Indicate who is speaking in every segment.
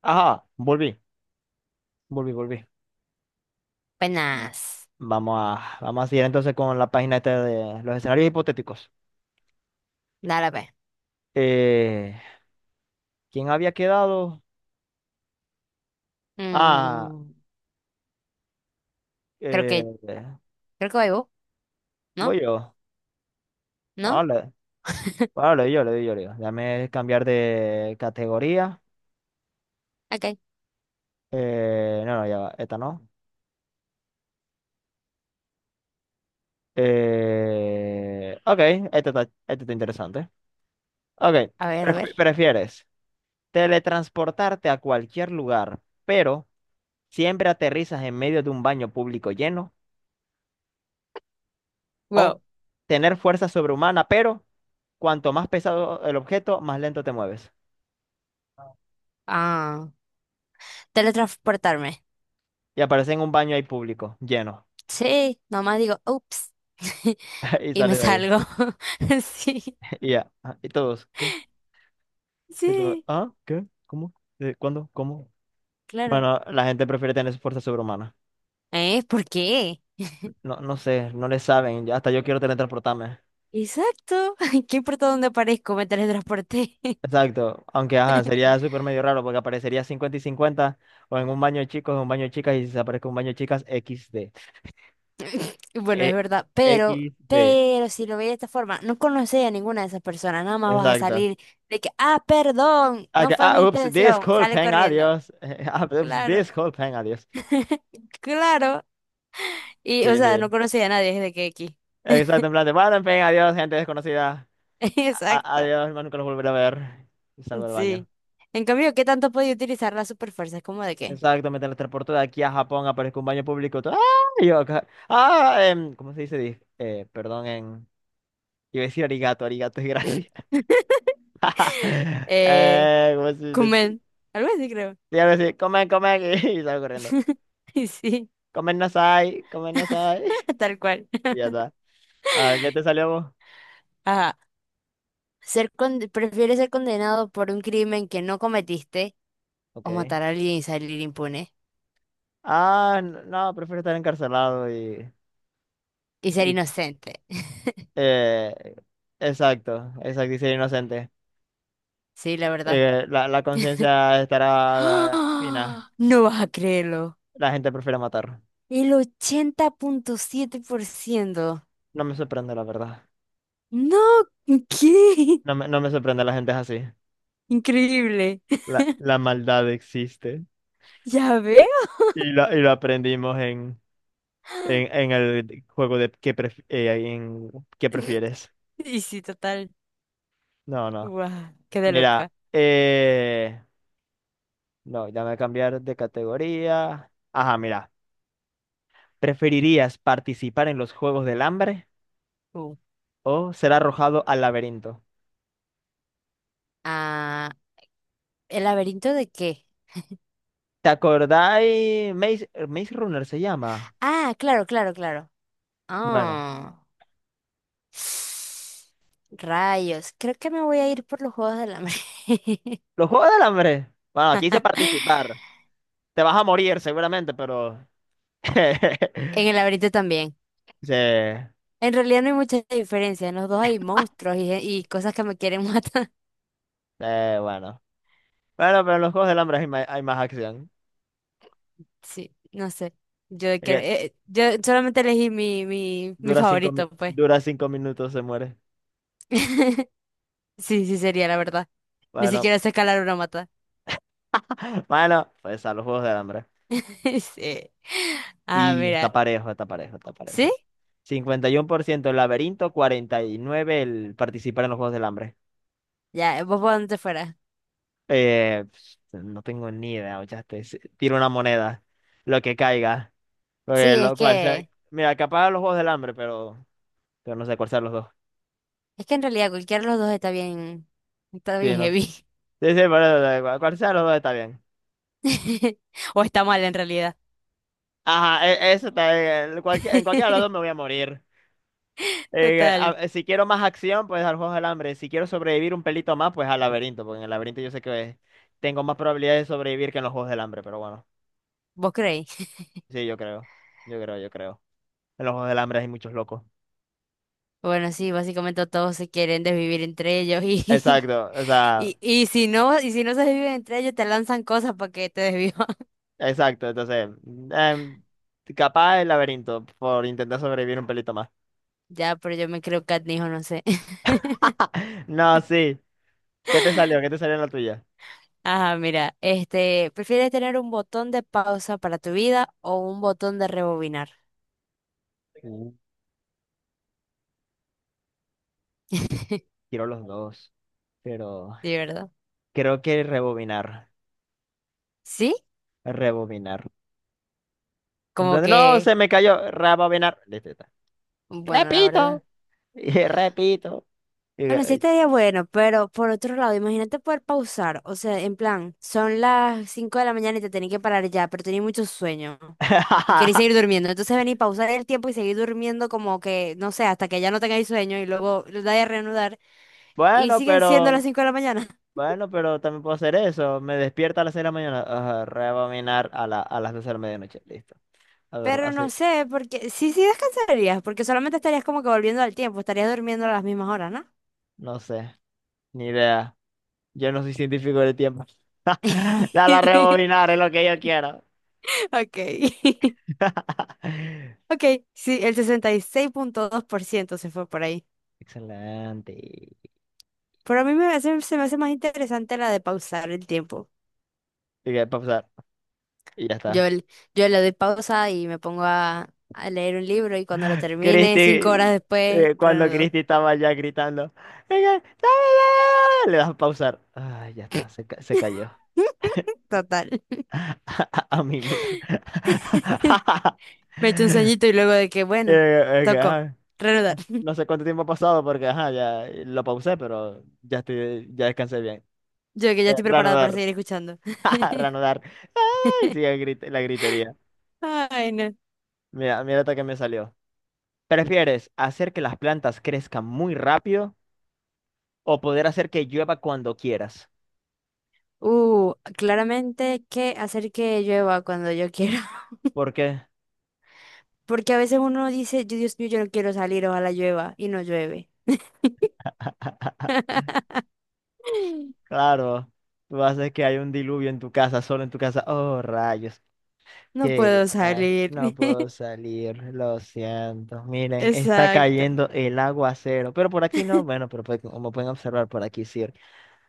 Speaker 1: Ajá, volví, volví, volví.
Speaker 2: Penas.
Speaker 1: Vamos a seguir entonces con la página esta de los escenarios hipotéticos.
Speaker 2: Dale, pues.
Speaker 1: Eh, ¿quién había quedado? Ah,
Speaker 2: Mm, creo que,
Speaker 1: eh,
Speaker 2: creo que voy vos, ¿no?
Speaker 1: voy yo. Bueno,
Speaker 2: ¿No?
Speaker 1: le, bueno, le doy yo, le doy yo, le doy yo. Déjame cambiar de categoría.
Speaker 2: Ok.
Speaker 1: No, no, ya va, esta no. Ok, esta está interesante. Ok,
Speaker 2: A ver, a ver.
Speaker 1: ¿prefieres teletransportarte a cualquier lugar, pero siempre aterrizas en medio de un baño público lleno? O
Speaker 2: Wow.
Speaker 1: tener fuerza sobrehumana, pero cuanto más pesado el objeto, más lento te mueves.
Speaker 2: Ah. Teletransportarme.
Speaker 1: Y aparece en un baño ahí público, lleno.
Speaker 2: Sí, nomás digo, ups.
Speaker 1: Y
Speaker 2: Y me
Speaker 1: sales de ahí.
Speaker 2: salgo. Sí,
Speaker 1: Y ya. Ah, y todos, ¿qué? Y luego,
Speaker 2: sí,
Speaker 1: ¿ah? ¿Qué? ¿Cómo? ¿Cuándo? ¿Cómo?
Speaker 2: claro.
Speaker 1: Bueno, la gente prefiere tener su fuerza sobrehumana.
Speaker 2: ¿Eh? ¿Por qué?
Speaker 1: No, no sé, no le saben. Ya hasta yo quiero teletransportarme.
Speaker 2: Exacto. ¿Qué importa dónde aparezco? Me teletransporté.
Speaker 1: Exacto. Aunque, ajá, sería súper medio raro porque aparecería 50 y 50 o en un baño de chicos, en un baño de chicas, y si se aparece un baño de chicas, XD.
Speaker 2: Bueno, es
Speaker 1: Eh,
Speaker 2: verdad, pero,
Speaker 1: equis de.
Speaker 2: pero si lo veis de esta forma, no conoces a ninguna de esas personas, nada más vas a
Speaker 1: Exacto.
Speaker 2: salir de que, ah, perdón, no
Speaker 1: Acá-
Speaker 2: fue
Speaker 1: ah,
Speaker 2: mi
Speaker 1: ups,
Speaker 2: intención, sale
Speaker 1: disculpen,
Speaker 2: corriendo.
Speaker 1: adiós. Ah, ups,
Speaker 2: Claro,
Speaker 1: disculpen, adiós.
Speaker 2: claro. Y, o
Speaker 1: Sí,
Speaker 2: sea, no
Speaker 1: sí.
Speaker 2: conoces a nadie desde que aquí.
Speaker 1: Exacto, en plan de, bueno, en fin, adiós, gente desconocida. A-
Speaker 2: Exacto,
Speaker 1: adiós, más nunca los volveré a ver. Y salgo del baño.
Speaker 2: sí. En cambio, ¿qué tanto podía utilizar la superfuerza? Es como de qué.
Speaker 1: Exacto, me teletransporto de aquí a Japón, aparezco en un baño público. ¡Ah! Y yo acá. Ah, ¿cómo se dice? Perdón, en... Iba a decir arigato, arigato es gracias.
Speaker 2: Eh,
Speaker 1: ¿Cómo se dice?
Speaker 2: comen, algo así creo.
Speaker 1: Sí, algo así, comen, comen, y salgo corriendo.
Speaker 2: Y sí,
Speaker 1: Comen nasai, comen nasai.
Speaker 2: tal cual.
Speaker 1: Y ya está. A ver, ¿qué te salió vos?
Speaker 2: Ajá. Prefieres ser condenado por un crimen que no cometiste o
Speaker 1: Ok.
Speaker 2: matar a alguien y salir impune.
Speaker 1: Ah, no, prefiero estar encarcelado y,
Speaker 2: Y ser
Speaker 1: y,
Speaker 2: inocente.
Speaker 1: eh, exacto, exacto, y ser inocente.
Speaker 2: Sí, la verdad.
Speaker 1: La conciencia estará fina.
Speaker 2: ¡Ah! No vas a creerlo.
Speaker 1: La gente prefiere matar.
Speaker 2: El 80.7%.
Speaker 1: No me sorprende, la verdad.
Speaker 2: No, ¿qué?
Speaker 1: No me sorprende, la gente es así.
Speaker 2: Increíble.
Speaker 1: La maldad existe.
Speaker 2: Ya veo.
Speaker 1: Y lo aprendimos en, en el juego de qué, en qué prefieres.
Speaker 2: Y sí, total.
Speaker 1: No, no.
Speaker 2: Guau, quedé loca.
Speaker 1: Mira, no, ya me voy a cambiar de categoría. Ajá, mira. ¿Preferirías participar en los Juegos del Hambre
Speaker 2: Uh.
Speaker 1: o ser arrojado al laberinto?
Speaker 2: Ah, ¿el laberinto de qué?
Speaker 1: ¿Te acordáis? Maze Runner se llama.
Speaker 2: Ah, claro, claro, claro.
Speaker 1: Bueno,
Speaker 2: Ah. Rayos. Creo que me voy a ir por los Juegos del Hambre.
Speaker 1: los Juegos del Hambre. Bueno, aquí dice participar. Te vas a morir seguramente, pero...
Speaker 2: En el laberinto también.
Speaker 1: Sí,
Speaker 2: En realidad no hay mucha diferencia. En los dos hay monstruos y cosas que me quieren matar.
Speaker 1: sí, bueno. Bueno, pero en los Juegos del Hambre hay más acción.
Speaker 2: Sí, no sé.
Speaker 1: Es que
Speaker 2: Yo solamente elegí mi favorito, pues.
Speaker 1: dura 5 minutos, se muere.
Speaker 2: Sí, sí sería la verdad. Ni
Speaker 1: Bueno,
Speaker 2: siquiera sé escalar una mata.
Speaker 1: bueno, pues a los Juegos del Hambre.
Speaker 2: Sí. Ah,
Speaker 1: Y está
Speaker 2: mira.
Speaker 1: parejo, está parejo, está
Speaker 2: ¿Sí?
Speaker 1: parejo. 51% el laberinto, 49% el participar en los Juegos del Hambre.
Speaker 2: Ya, vos por donde te fueras.
Speaker 1: Eh, pues, no tengo ni idea, ¿ochaste? Tiro una moneda, lo que caiga. Porque
Speaker 2: Sí, es que,
Speaker 1: mira, capaz los Juegos del Hambre, pero no sé cuál sean los dos.
Speaker 2: es que en realidad cualquiera de los dos está
Speaker 1: Sí,
Speaker 2: bien
Speaker 1: no.
Speaker 2: heavy.
Speaker 1: Sí, sí, por eso, cual sea los dos está bien.
Speaker 2: O está mal en realidad.
Speaker 1: Ajá, eso está bien. En cualquiera de los dos me voy a morir. Eh, a-
Speaker 2: Total.
Speaker 1: eh, si quiero más acción, pues al Juegos del Hambre. Si quiero sobrevivir un pelito más, pues al laberinto, porque en el laberinto yo sé que tengo más probabilidades de sobrevivir que en los Juegos del Hambre, pero bueno.
Speaker 2: ¿Vos creéis?
Speaker 1: Sí, yo creo. Yo creo, yo creo. En los Juegos del Hambre hay muchos locos.
Speaker 2: Bueno, sí, básicamente todos se quieren desvivir entre ellos y,
Speaker 1: Exacto, o sea,
Speaker 2: y si no se desviven entre ellos, te lanzan cosas para que te desvivan.
Speaker 1: exacto. Entonces, em, capaz el laberinto por intentar sobrevivir un pelito más.
Speaker 2: Ya, pero yo me creo catnijo, no sé.
Speaker 1: No, sí. ¿Qué te salió? ¿Qué te salió en la tuya?
Speaker 2: Ajá, mira, este, ¿prefieres tener un botón de pausa para tu vida o un botón de rebobinar?
Speaker 1: Uh, quiero los dos, pero
Speaker 2: Sí, ¿verdad?
Speaker 1: creo que rebobinar.
Speaker 2: Sí,
Speaker 1: Rebobinar. En
Speaker 2: como
Speaker 1: plan de, no,
Speaker 2: que,
Speaker 1: se me cayó. Rebobinar. Listo, ya está.
Speaker 2: bueno, la verdad.
Speaker 1: Repito. Y repito.
Speaker 2: Bueno, sí
Speaker 1: Y-
Speaker 2: estaría bueno, pero por otro lado, imagínate poder pausar. O sea, en plan, son las 5 de la mañana y te tenés que parar ya, pero tenés mucho sueño y querés seguir durmiendo. Entonces venís, pausar el tiempo y seguir durmiendo como que, no sé, hasta que ya no tengáis sueño y luego lo dais a reanudar y
Speaker 1: Bueno,
Speaker 2: siguen
Speaker 1: pero
Speaker 2: siendo las 5 de la mañana.
Speaker 1: bueno, pero también puedo hacer eso. Me despierta a las 6 de la mañana. Ajá, rebobinar a las 12 de la medianoche. Listo. A ver,
Speaker 2: Pero no
Speaker 1: así.
Speaker 2: sé, porque sí, sí descansarías, porque solamente estarías como que volviendo al tiempo, estarías durmiendo a las mismas horas, ¿no?
Speaker 1: No sé. Ni idea. Yo no soy científico del tiempo. Dale a rebobinar, es lo que yo quiero.
Speaker 2: Ok. Ok, sí, el 66.2% se fue por ahí.
Speaker 1: Excelente. Y
Speaker 2: Pero a mí se me hace más interesante la de pausar el tiempo.
Speaker 1: que pasar. Y ya
Speaker 2: Yo,
Speaker 1: está.
Speaker 2: l- yo le doy pausa y me pongo a leer un libro y cuando lo termine, 5 horas
Speaker 1: Cristi,
Speaker 2: después,
Speaker 1: cuando
Speaker 2: reanudo.
Speaker 1: Cristi estaba ya gritando, "Venga, dame, dame, dame", le das a pausar. Ay, ya está, se cayó.
Speaker 2: Total.
Speaker 1: A mimir.
Speaker 2: Me echo un sueñito y luego de que, bueno,
Speaker 1: Que,
Speaker 2: tocó,
Speaker 1: ay.
Speaker 2: reanudar.
Speaker 1: No sé cuánto tiempo ha pasado porque, ajá, ya lo pausé, pero ya estoy, ya descansé bien.
Speaker 2: Yo que ya
Speaker 1: Eh,
Speaker 2: estoy preparada para
Speaker 1: reanudar,
Speaker 2: seguir escuchando.
Speaker 1: reanudar. Ay, sigue la gritería.
Speaker 2: Ay, no.
Speaker 1: Mira, mira hasta que me salió. ¿Prefieres hacer que las plantas crezcan muy rápido o poder hacer que llueva cuando quieras?
Speaker 2: Claramente que hacer que llueva cuando yo quiera.
Speaker 1: Porque,
Speaker 2: Porque a veces uno dice: "Yo, Dios mío, yo no quiero salir, ojalá llueva", y no llueve.
Speaker 1: claro, tú haces que hay un diluvio en tu casa, solo en tu casa. Oh, rayos.
Speaker 2: No
Speaker 1: Que
Speaker 2: puedo
Speaker 1: la-
Speaker 2: salir.
Speaker 1: no puedo salir, lo siento. Miren, está
Speaker 2: Exacto.
Speaker 1: cayendo el aguacero, pero por aquí no. Bueno, pero pues, como pueden observar, por aquí sí.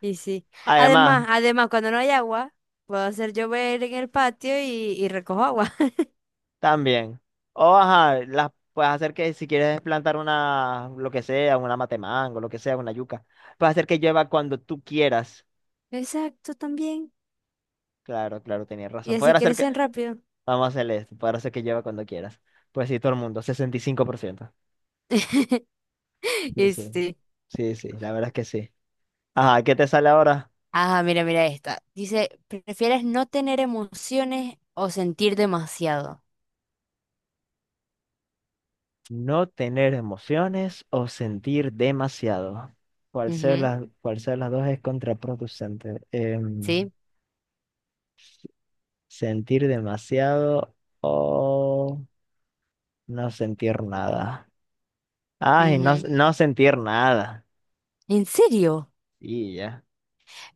Speaker 2: Y sí.
Speaker 1: Además,
Speaker 2: Además, además, cuando no hay agua, puedo hacer llover en el patio y recojo agua.
Speaker 1: también, o ajá, las puedes hacer que si quieres plantar una, lo que sea, una matemango, lo que sea, una yuca, puedes hacer que llueva cuando tú quieras.
Speaker 2: Exacto, también.
Speaker 1: Claro, claro, tenías
Speaker 2: Y
Speaker 1: razón.
Speaker 2: así
Speaker 1: Poder hacer que,
Speaker 2: crecen rápido.
Speaker 1: vamos a hacer esto, poder hacer que llueva cuando quieras. Pues sí, todo el mundo, 65%. Sí,
Speaker 2: Y
Speaker 1: sí.
Speaker 2: sí.
Speaker 1: Sí, sí, la verdad es que sí. Ajá, ¿qué te sale ahora?
Speaker 2: Ajá, mira, mira esta. Dice, ¿prefieres no tener emociones o sentir demasiado?
Speaker 1: No tener emociones o sentir demasiado. Cual sea
Speaker 2: Ujú,
Speaker 1: las, cual sea las dos es contraproducente. Em,
Speaker 2: sí.
Speaker 1: sentir demasiado o no sentir nada. Ay, no,
Speaker 2: Ujú.
Speaker 1: no sentir nada.
Speaker 2: ¿En serio?
Speaker 1: Y ya.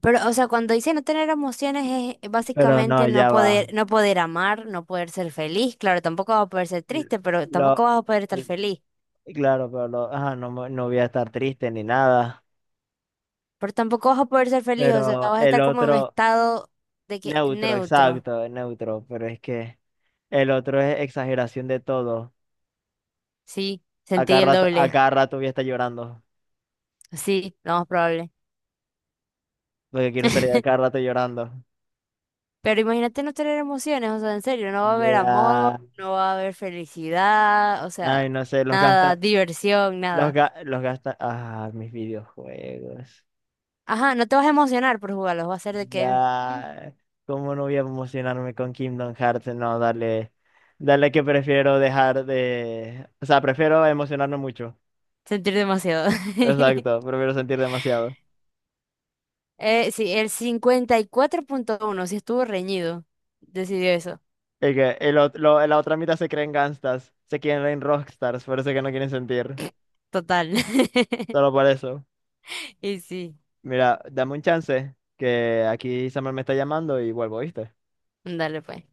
Speaker 2: Pero, o sea, cuando dice no tener emociones es
Speaker 1: Pero no,
Speaker 2: básicamente no
Speaker 1: ya va.
Speaker 2: poder, no poder amar, no poder ser feliz. Claro, tampoco vas a poder ser
Speaker 1: L-
Speaker 2: triste, pero
Speaker 1: Lo,
Speaker 2: tampoco vas a poder estar
Speaker 1: l-
Speaker 2: feliz.
Speaker 1: claro, pero ajá, no, no voy a estar triste ni nada.
Speaker 2: Pero tampoco vas a poder ser feliz, o sea,
Speaker 1: Pero
Speaker 2: vas a
Speaker 1: el
Speaker 2: estar como en un
Speaker 1: otro,
Speaker 2: estado de que
Speaker 1: neutro,
Speaker 2: neutro.
Speaker 1: exacto, neutro. Pero es que el otro es exageración de todo.
Speaker 2: Sí, sentí el
Speaker 1: A
Speaker 2: doble.
Speaker 1: cada rato voy a estar llorando.
Speaker 2: Sí, lo más probable.
Speaker 1: Lo que quiero estar a cada rato llorando.
Speaker 2: Pero imagínate no tener emociones, o sea, en serio, no va a haber amor,
Speaker 1: Ya.
Speaker 2: no va a haber felicidad, o
Speaker 1: Ay,
Speaker 2: sea,
Speaker 1: no sé,
Speaker 2: nada, diversión, nada.
Speaker 1: los gasta. Ah, mis videojuegos.
Speaker 2: Ajá, no te vas a emocionar por jugarlos, va a ser de que... "Mm,
Speaker 1: Ya. ¿Cómo no voy a emocionarme con Kingdom Hearts? No, dale. Dale que prefiero dejar de. O sea, prefiero emocionarme mucho.
Speaker 2: sentir demasiado".
Speaker 1: Exacto, prefiero sentir demasiado.
Speaker 2: Sí, el 54.1 sí estuvo reñido. Decidió eso.
Speaker 1: Es que la otra mitad se creen gangstas, se quieren rockstars, por eso que no quieren sentir.
Speaker 2: Total.
Speaker 1: Solo por eso.
Speaker 2: Y sí,
Speaker 1: Mira, dame un chance, que aquí Samuel me está llamando y vuelvo, ¿viste?
Speaker 2: dale pues.